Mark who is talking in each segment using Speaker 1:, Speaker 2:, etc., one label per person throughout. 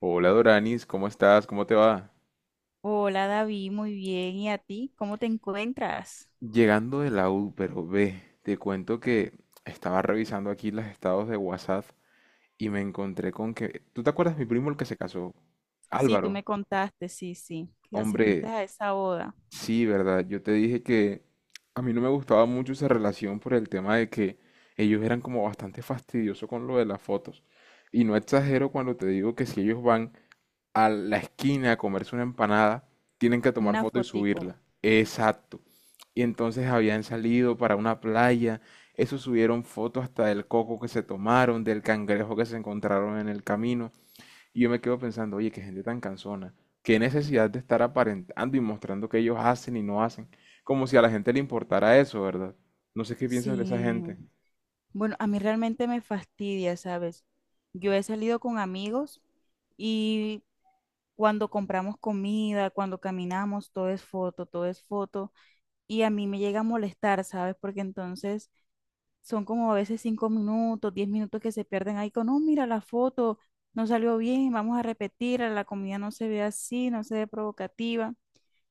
Speaker 1: Hola Doranis, ¿cómo estás? ¿Cómo te va?
Speaker 2: Hola David, muy bien. ¿Y a ti? ¿Cómo te encuentras?
Speaker 1: Llegando de la U, pero ve, te cuento que estaba revisando aquí los estados de WhatsApp y me encontré con que... ¿Tú te acuerdas mi primo el que se casó?
Speaker 2: Sí, tú
Speaker 1: Álvaro.
Speaker 2: me contaste, sí, sí, que
Speaker 1: Hombre,
Speaker 2: asististe a esa boda.
Speaker 1: sí, ¿verdad? Yo te dije que a mí no me gustaba mucho esa relación por el tema de que ellos eran como bastante fastidiosos con lo de las fotos. Y no exagero cuando te digo que si ellos van a la esquina a comerse una empanada, tienen que tomar
Speaker 2: Una
Speaker 1: foto y
Speaker 2: fotico.
Speaker 1: subirla. Exacto. Y entonces habían salido para una playa, eso subieron fotos hasta del coco que se tomaron, del cangrejo que se encontraron en el camino. Y yo me quedo pensando, oye, qué gente tan cansona, qué necesidad de estar aparentando y mostrando que ellos hacen y no hacen, como si a la gente le importara eso, ¿verdad? No sé qué piensas de esa
Speaker 2: Sí.
Speaker 1: gente.
Speaker 2: Bueno, a mí realmente me fastidia, ¿sabes? Yo he salido con amigos y cuando compramos comida, cuando caminamos, todo es foto, todo es foto. Y a mí me llega a molestar, ¿sabes? Porque entonces son como a veces 5 minutos, 10 minutos que se pierden ahí con, no, mira la foto, no salió bien, vamos a repetir, la comida no se ve así, no se ve provocativa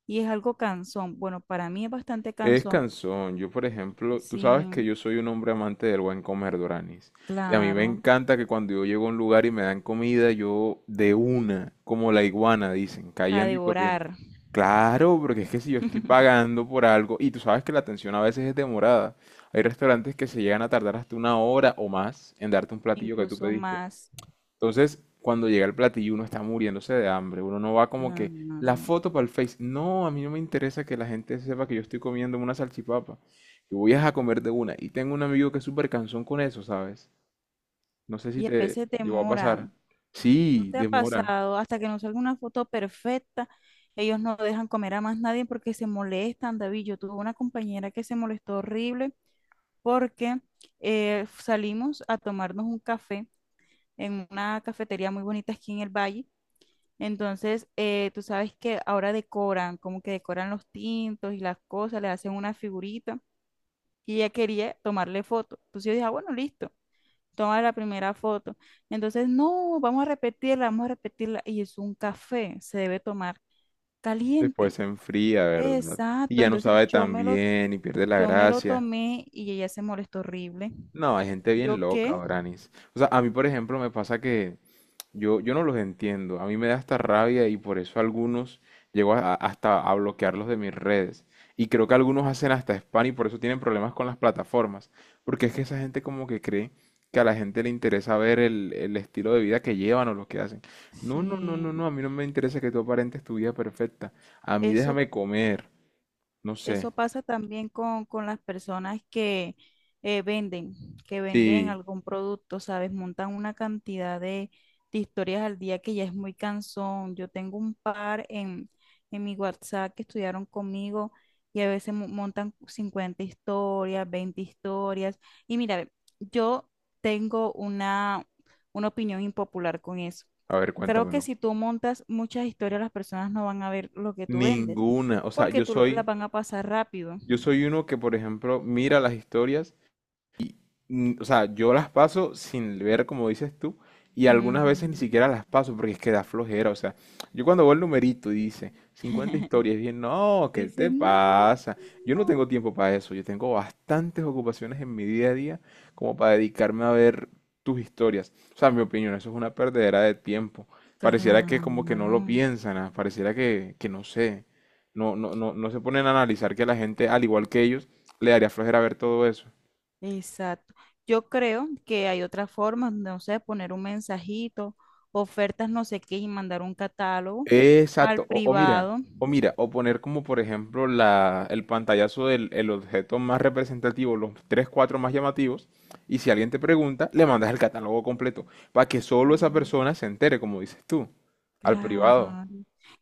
Speaker 2: y es algo cansón. Bueno, para mí es bastante
Speaker 1: Es
Speaker 2: cansón.
Speaker 1: cansón. Yo, por ejemplo, tú sabes que
Speaker 2: Sí,
Speaker 1: yo soy un hombre amante del buen comer, Doranis. Y a mí me
Speaker 2: claro,
Speaker 1: encanta que cuando yo llego a un lugar y me dan comida, yo de una, como la iguana, dicen,
Speaker 2: para
Speaker 1: cayendo y corriendo.
Speaker 2: devorar,
Speaker 1: Claro, porque es que si yo estoy pagando por algo, y tú sabes que la atención a veces es demorada. Hay restaurantes que se llegan a tardar hasta una hora o más en darte un platillo que tú
Speaker 2: incluso
Speaker 1: pediste.
Speaker 2: más.
Speaker 1: Entonces, cuando llega el platillo, uno está muriéndose de hambre. Uno no va como que la
Speaker 2: Claro.
Speaker 1: foto para el Face. No, a mí no me interesa que la gente sepa que yo estoy comiendo una salchipapa. Yo voy a comer de una. Y tengo un amigo que es súper cansón con eso, ¿sabes? No sé si
Speaker 2: Y a
Speaker 1: te
Speaker 2: veces
Speaker 1: llegó a pasar.
Speaker 2: demoran. ¿No
Speaker 1: Sí,
Speaker 2: te ha
Speaker 1: demora.
Speaker 2: pasado? Hasta que no salga una foto perfecta, ellos no dejan comer a más nadie porque se molestan, David. Yo tuve una compañera que se molestó horrible porque salimos a tomarnos un café en una cafetería muy bonita aquí en el valle. Entonces, tú sabes que ahora decoran, como que decoran los tintos y las cosas, le hacen una figurita y ella quería tomarle foto. Entonces yo dije, "Ah, bueno, listo, toma la primera foto". Entonces, no, vamos a repetirla, vamos a repetirla. Y es un café, se debe tomar
Speaker 1: Después
Speaker 2: caliente.
Speaker 1: se enfría, ¿verdad? Y
Speaker 2: Exacto,
Speaker 1: ya no sabe tan bien y pierde la
Speaker 2: yo me lo
Speaker 1: gracia.
Speaker 2: tomé y ella se molestó horrible.
Speaker 1: No, hay gente
Speaker 2: ¿Y
Speaker 1: bien
Speaker 2: yo
Speaker 1: loca,
Speaker 2: qué?
Speaker 1: Branis. O sea, a mí, por ejemplo, me pasa que yo no los entiendo. A mí me da hasta rabia y por eso algunos llego hasta a bloquearlos de mis redes. Y creo que algunos hacen hasta spam y por eso tienen problemas con las plataformas. Porque es que esa gente como que cree que a la gente le interesa ver el estilo de vida que llevan o lo que hacen. No, no, no, no,
Speaker 2: Sí,
Speaker 1: no. A mí no me interesa que tú aparentes tu vida perfecta. A mí
Speaker 2: eso
Speaker 1: déjame comer. No sé.
Speaker 2: eso pasa también con las personas que venden, que venden
Speaker 1: Sí.
Speaker 2: algún producto, ¿sabes? Montan una cantidad de historias al día que ya es muy cansón. Yo tengo un par en mi WhatsApp que estudiaron conmigo y a veces montan 50 historias, 20 historias. Y mira, ve, yo tengo una opinión impopular con eso.
Speaker 1: A ver,
Speaker 2: Creo que
Speaker 1: cuéntamelo.
Speaker 2: si tú montas muchas historias, las personas no van a ver lo que tú vendes
Speaker 1: Ninguna. O sea,
Speaker 2: porque
Speaker 1: yo
Speaker 2: tú las
Speaker 1: soy...
Speaker 2: van a pasar rápido.
Speaker 1: Yo soy uno que, por ejemplo, mira las historias o sea, yo las paso sin ver, como dices tú, y
Speaker 2: Ujú.
Speaker 1: algunas veces ni siquiera las paso porque es que da flojera. O sea, yo cuando veo el numerito y dice 50 historias, bien, no,
Speaker 2: Tú
Speaker 1: ¿qué te
Speaker 2: dices, no,
Speaker 1: pasa? Yo no tengo tiempo para eso. Yo tengo bastantes ocupaciones en mi día a día como para dedicarme a ver tus historias. O sea, en mi opinión, eso es una perdedera de tiempo. Pareciera que como que no lo
Speaker 2: claro,
Speaker 1: piensan, pareciera que no sé. No, no, no, no se ponen a analizar que la gente, al igual que ellos, le daría flojera ver todo eso.
Speaker 2: exacto. Yo creo que hay otras formas, no sé, poner un mensajito, ofertas no sé qué y mandar un catálogo al
Speaker 1: Exacto,
Speaker 2: privado.
Speaker 1: o mira, o poner como por ejemplo la, el pantallazo del el objeto más representativo, los tres, cuatro más llamativos, y si alguien te pregunta, le mandas el catálogo completo, para que solo esa persona se entere, como dices tú, al privado.
Speaker 2: Claro.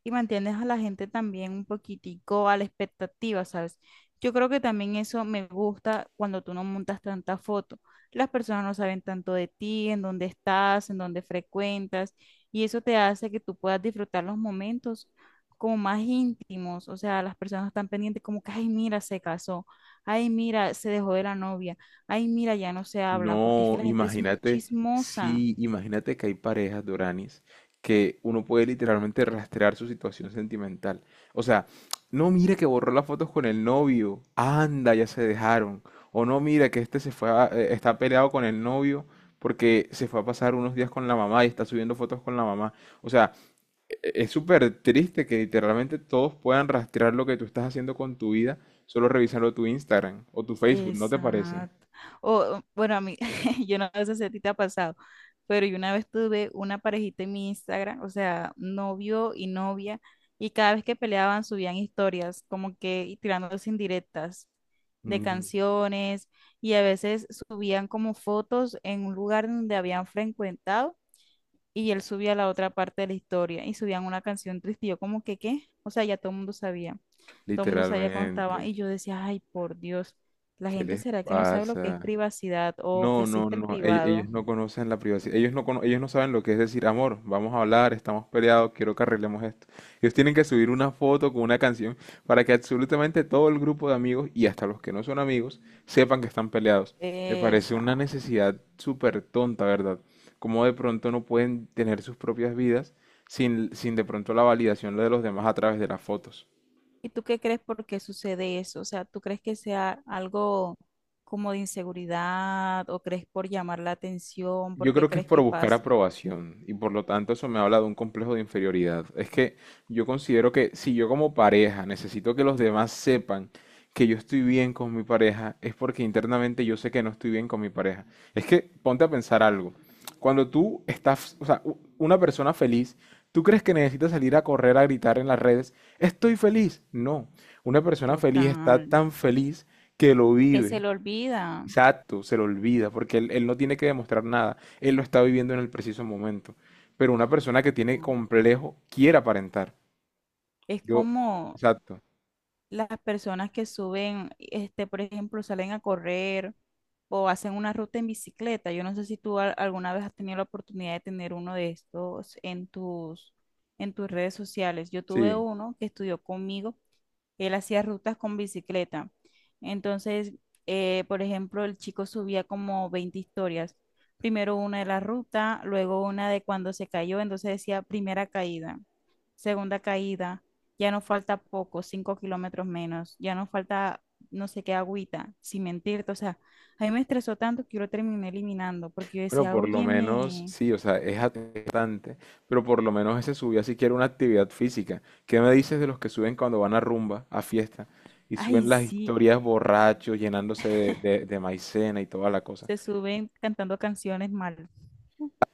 Speaker 2: Y mantienes a la gente también un poquitico a la expectativa, ¿sabes? Yo creo que también eso me gusta cuando tú no montas tanta foto. Las personas no saben tanto de ti, en dónde estás, en dónde frecuentas, y eso te hace que tú puedas disfrutar los momentos como más íntimos. O sea, las personas están pendientes como que, ay, mira, se casó, ay, mira, se dejó de la novia, ay, mira, ya no se hablan, porque es que
Speaker 1: No,
Speaker 2: la gente es muy
Speaker 1: imagínate,
Speaker 2: chismosa.
Speaker 1: sí, imagínate que hay parejas, Doranis, que uno puede literalmente rastrear su situación sentimental. O sea, no mira que borró las fotos con el novio, anda, ya se dejaron. O no mira que este se fue está peleado con el novio porque se fue a pasar unos días con la mamá y está subiendo fotos con la mamá. O sea, es súper triste que literalmente todos puedan rastrear lo que tú estás haciendo con tu vida solo revisando tu Instagram o tu Facebook, ¿no te parece?
Speaker 2: Exacto. O, bueno, a mí, yo no sé si a ti te ha pasado, pero yo una vez tuve una parejita en mi Instagram, o sea, novio y novia, y cada vez que peleaban subían historias, como que y tirándose indirectas de canciones, y a veces subían como fotos en un lugar donde habían frecuentado, y él subía la otra parte de la historia, y subían una canción triste, y yo como que, ¿qué? O sea, ya todo el mundo sabía. Todo el mundo sabía cuando estaban
Speaker 1: Literalmente,
Speaker 2: y yo decía, ay, por Dios, la
Speaker 1: ¿qué
Speaker 2: gente
Speaker 1: les
Speaker 2: será que no sabe lo que es
Speaker 1: pasa?
Speaker 2: privacidad o que
Speaker 1: No, no,
Speaker 2: existe el
Speaker 1: no, ellos
Speaker 2: privado.
Speaker 1: no conocen la privacidad, ellos no, ellos no saben lo que es decir, amor, vamos a hablar, estamos peleados, quiero que arreglemos esto. Ellos tienen que subir una foto con una canción para que absolutamente todo el grupo de amigos y hasta los que no son amigos sepan que están peleados. Me parece
Speaker 2: Esa.
Speaker 1: una necesidad súper tonta, ¿verdad? Como de pronto no pueden tener sus propias vidas sin de pronto la validación de los demás a través de las fotos.
Speaker 2: ¿Y tú qué crees por qué sucede eso? O sea, ¿tú crees que sea algo como de inseguridad o crees por llamar la atención? ¿Por
Speaker 1: Yo
Speaker 2: qué
Speaker 1: creo que es
Speaker 2: crees
Speaker 1: por
Speaker 2: que
Speaker 1: buscar
Speaker 2: pasa?
Speaker 1: aprobación y por lo tanto eso me habla de un complejo de inferioridad. Es que yo considero que si yo como pareja necesito que los demás sepan que yo estoy bien con mi pareja, es porque internamente yo sé que no estoy bien con mi pareja. Es que ponte a pensar algo. Cuando tú estás, o sea, una persona feliz, ¿tú crees que necesita salir a correr a gritar en las redes, estoy feliz? No. Una persona feliz está
Speaker 2: Total.
Speaker 1: tan feliz que lo
Speaker 2: Que se
Speaker 1: vive.
Speaker 2: le olvida.
Speaker 1: Exacto, se lo olvida, porque él no tiene que demostrar nada, él lo está viviendo en el preciso momento. Pero una persona que tiene
Speaker 2: ¿No?
Speaker 1: complejo quiere aparentar.
Speaker 2: Es
Speaker 1: Yo,
Speaker 2: como,
Speaker 1: exacto,
Speaker 2: las personas que suben, por ejemplo, salen a correr o hacen una ruta en bicicleta. Yo no sé si tú alguna vez has tenido la oportunidad de tener uno de estos en en tus redes sociales. Yo tuve
Speaker 1: sí.
Speaker 2: uno que estudió conmigo, él hacía rutas con bicicleta. Entonces, por ejemplo, el chico subía como 20 historias. Primero una de la ruta, luego una de cuando se cayó, entonces decía primera caída, segunda caída, ya no falta poco, 5 kilómetros menos, ya no falta no sé qué agüita, sin mentirte, o sea, a mí me estresó tanto que yo lo terminé eliminando, porque yo
Speaker 1: Bueno,
Speaker 2: decía,
Speaker 1: por lo menos,
Speaker 2: óyeme,
Speaker 1: sí, o sea, es atentante, pero por lo menos ese subía siquiera una actividad física. ¿Qué me dices de los que suben cuando van a rumba, a fiesta, y suben
Speaker 2: ay
Speaker 1: las
Speaker 2: sí,
Speaker 1: historias borrachos, llenándose de, de maicena y toda la cosa?
Speaker 2: se suben cantando canciones mal,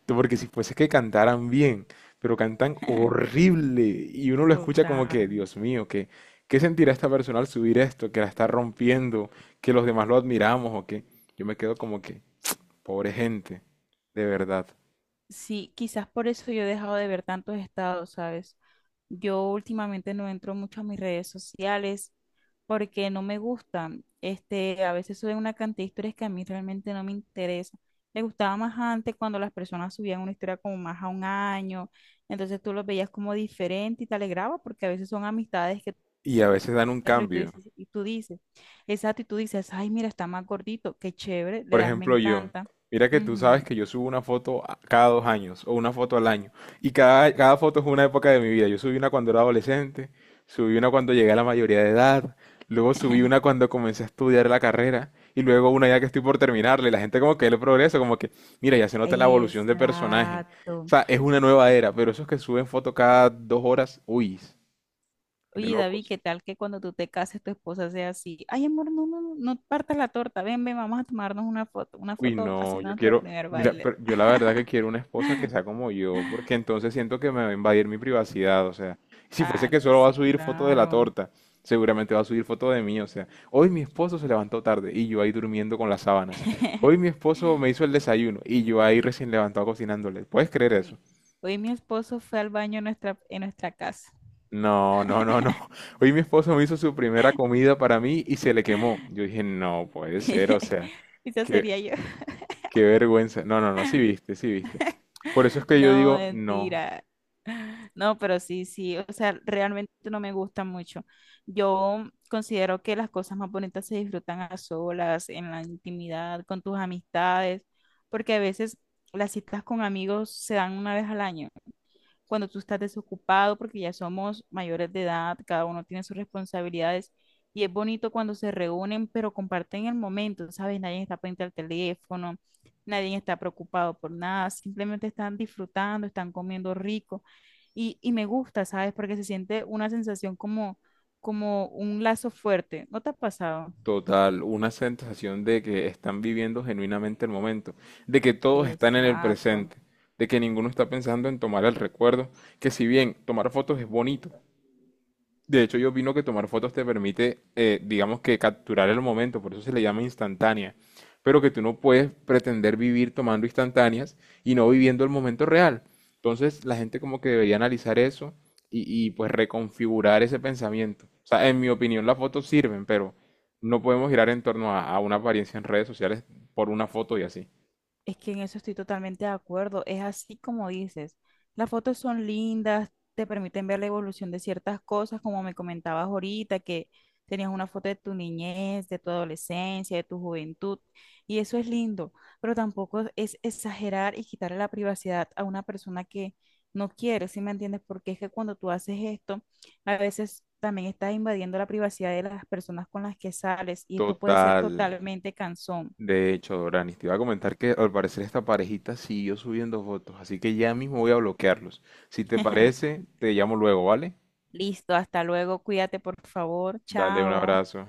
Speaker 1: Porque si fuese que cantaran bien, pero cantan horrible y uno lo escucha como que,
Speaker 2: total.
Speaker 1: Dios mío, que, ¿qué sentirá esta persona al subir esto? Que la está rompiendo, que los demás lo admiramos o qué. Yo me quedo como que, pobre gente, de verdad.
Speaker 2: Sí, quizás por eso yo he dejado de ver tantos estados, ¿sabes? Yo últimamente no entro mucho a mis redes sociales porque no me gustan. A veces suben una cantidad de historias que a mí realmente no me interesa. Me gustaba más antes cuando las personas subían una historia como más a un año, entonces tú los veías como diferente y te alegraba porque a veces son amistades que tú
Speaker 1: Y a veces dan un
Speaker 2: ves y tú
Speaker 1: cambio.
Speaker 2: dices, exacto, y tú dices, ay, mira, está más gordito, qué chévere, le
Speaker 1: Por
Speaker 2: das, me
Speaker 1: ejemplo, yo,
Speaker 2: encanta.
Speaker 1: mira que tú sabes
Speaker 2: Ujú,
Speaker 1: que yo subo una foto cada 2 años o una foto al año. Y cada foto es una época de mi vida. Yo subí una cuando era adolescente, subí una cuando llegué a la mayoría de edad, luego subí una cuando comencé a estudiar la carrera y luego una ya que estoy por terminarla. Y la gente como que ve el progreso, como que, mira, ya se nota la evolución de personaje. O
Speaker 2: exacto.
Speaker 1: sea, es una nueva era, pero esos que suben foto cada 2 horas, uy, de
Speaker 2: Oye, David,
Speaker 1: locos.
Speaker 2: ¿qué tal que cuando tú te cases tu esposa sea así? Ay, amor, no, no, no, no partas la torta. Ven, ven, vamos a tomarnos una
Speaker 1: Uy,
Speaker 2: foto
Speaker 1: no,
Speaker 2: haciendo
Speaker 1: yo
Speaker 2: nuestro
Speaker 1: quiero,
Speaker 2: primer
Speaker 1: mira,
Speaker 2: baile.
Speaker 1: pero yo la verdad que quiero una esposa que sea como yo, porque entonces siento que me va a invadir mi privacidad, o sea, si fuese
Speaker 2: Ah,
Speaker 1: que
Speaker 2: no,
Speaker 1: solo va a
Speaker 2: sí,
Speaker 1: subir foto de la
Speaker 2: claro.
Speaker 1: torta, seguramente va a subir foto de mí, o sea, hoy mi esposo se levantó tarde y yo ahí durmiendo con las sábanas, hoy mi esposo me hizo el desayuno y yo ahí recién levantado cocinándole, ¿puedes creer eso?
Speaker 2: Hoy, hoy mi esposo fue al baño en en nuestra casa.
Speaker 1: No, no, no, no, hoy mi esposo me hizo su primera comida para mí y se le quemó, yo dije, no puede ser, o sea,
Speaker 2: Esa
Speaker 1: que
Speaker 2: sería yo.
Speaker 1: qué vergüenza. No, no, no, sí viste, sí viste. Por eso es que yo
Speaker 2: No,
Speaker 1: digo, no,
Speaker 2: mentira. No, pero sí, sí, o sea, realmente no me gusta mucho. Yo considero que las cosas más bonitas se disfrutan a solas, en la intimidad, con tus amistades, porque a veces las citas con amigos se dan una vez al año cuando tú estás desocupado, porque ya somos mayores de edad, cada uno tiene sus responsabilidades y es bonito cuando se reúnen, pero comparten el momento, ¿sabes? Nadie está pendiente al teléfono, nadie está preocupado por nada, simplemente están disfrutando, están comiendo rico y me gusta, ¿sabes? Porque se siente una sensación como, como un lazo fuerte. ¿No te ha pasado?
Speaker 1: total, una sensación de que están viviendo genuinamente el momento, de que todos están en el
Speaker 2: Exacto.
Speaker 1: presente, de que ninguno está pensando en tomar el recuerdo, que si bien tomar fotos es bonito. De hecho, yo opino que tomar fotos te permite, digamos que capturar el momento, por eso se le llama instantánea, pero que tú no puedes pretender vivir tomando instantáneas y no viviendo el momento real. Entonces, la gente como que debería analizar eso pues reconfigurar ese pensamiento. O sea, en mi opinión, las fotos sirven, pero no podemos girar en torno a una apariencia en redes sociales por una foto y así.
Speaker 2: Es que en eso estoy totalmente de acuerdo. Es así como dices. Las fotos son lindas, te permiten ver la evolución de ciertas cosas, como me comentabas ahorita, que tenías una foto de tu niñez, de tu adolescencia, de tu juventud, y eso es lindo, pero tampoco es exagerar y quitarle la privacidad a una persona que no quiere, ¿sí me entiendes? Porque es que cuando tú haces esto, a veces también estás invadiendo la privacidad de las personas con las que sales, y esto puede ser
Speaker 1: Total.
Speaker 2: totalmente cansón.
Speaker 1: De hecho, Doranis, te iba a comentar que al parecer esta parejita siguió subiendo fotos, así que ya mismo voy a bloquearlos. Si te parece, te llamo luego, ¿vale?
Speaker 2: Listo, hasta luego, cuídate por favor,
Speaker 1: Dale un
Speaker 2: chao.
Speaker 1: abrazo.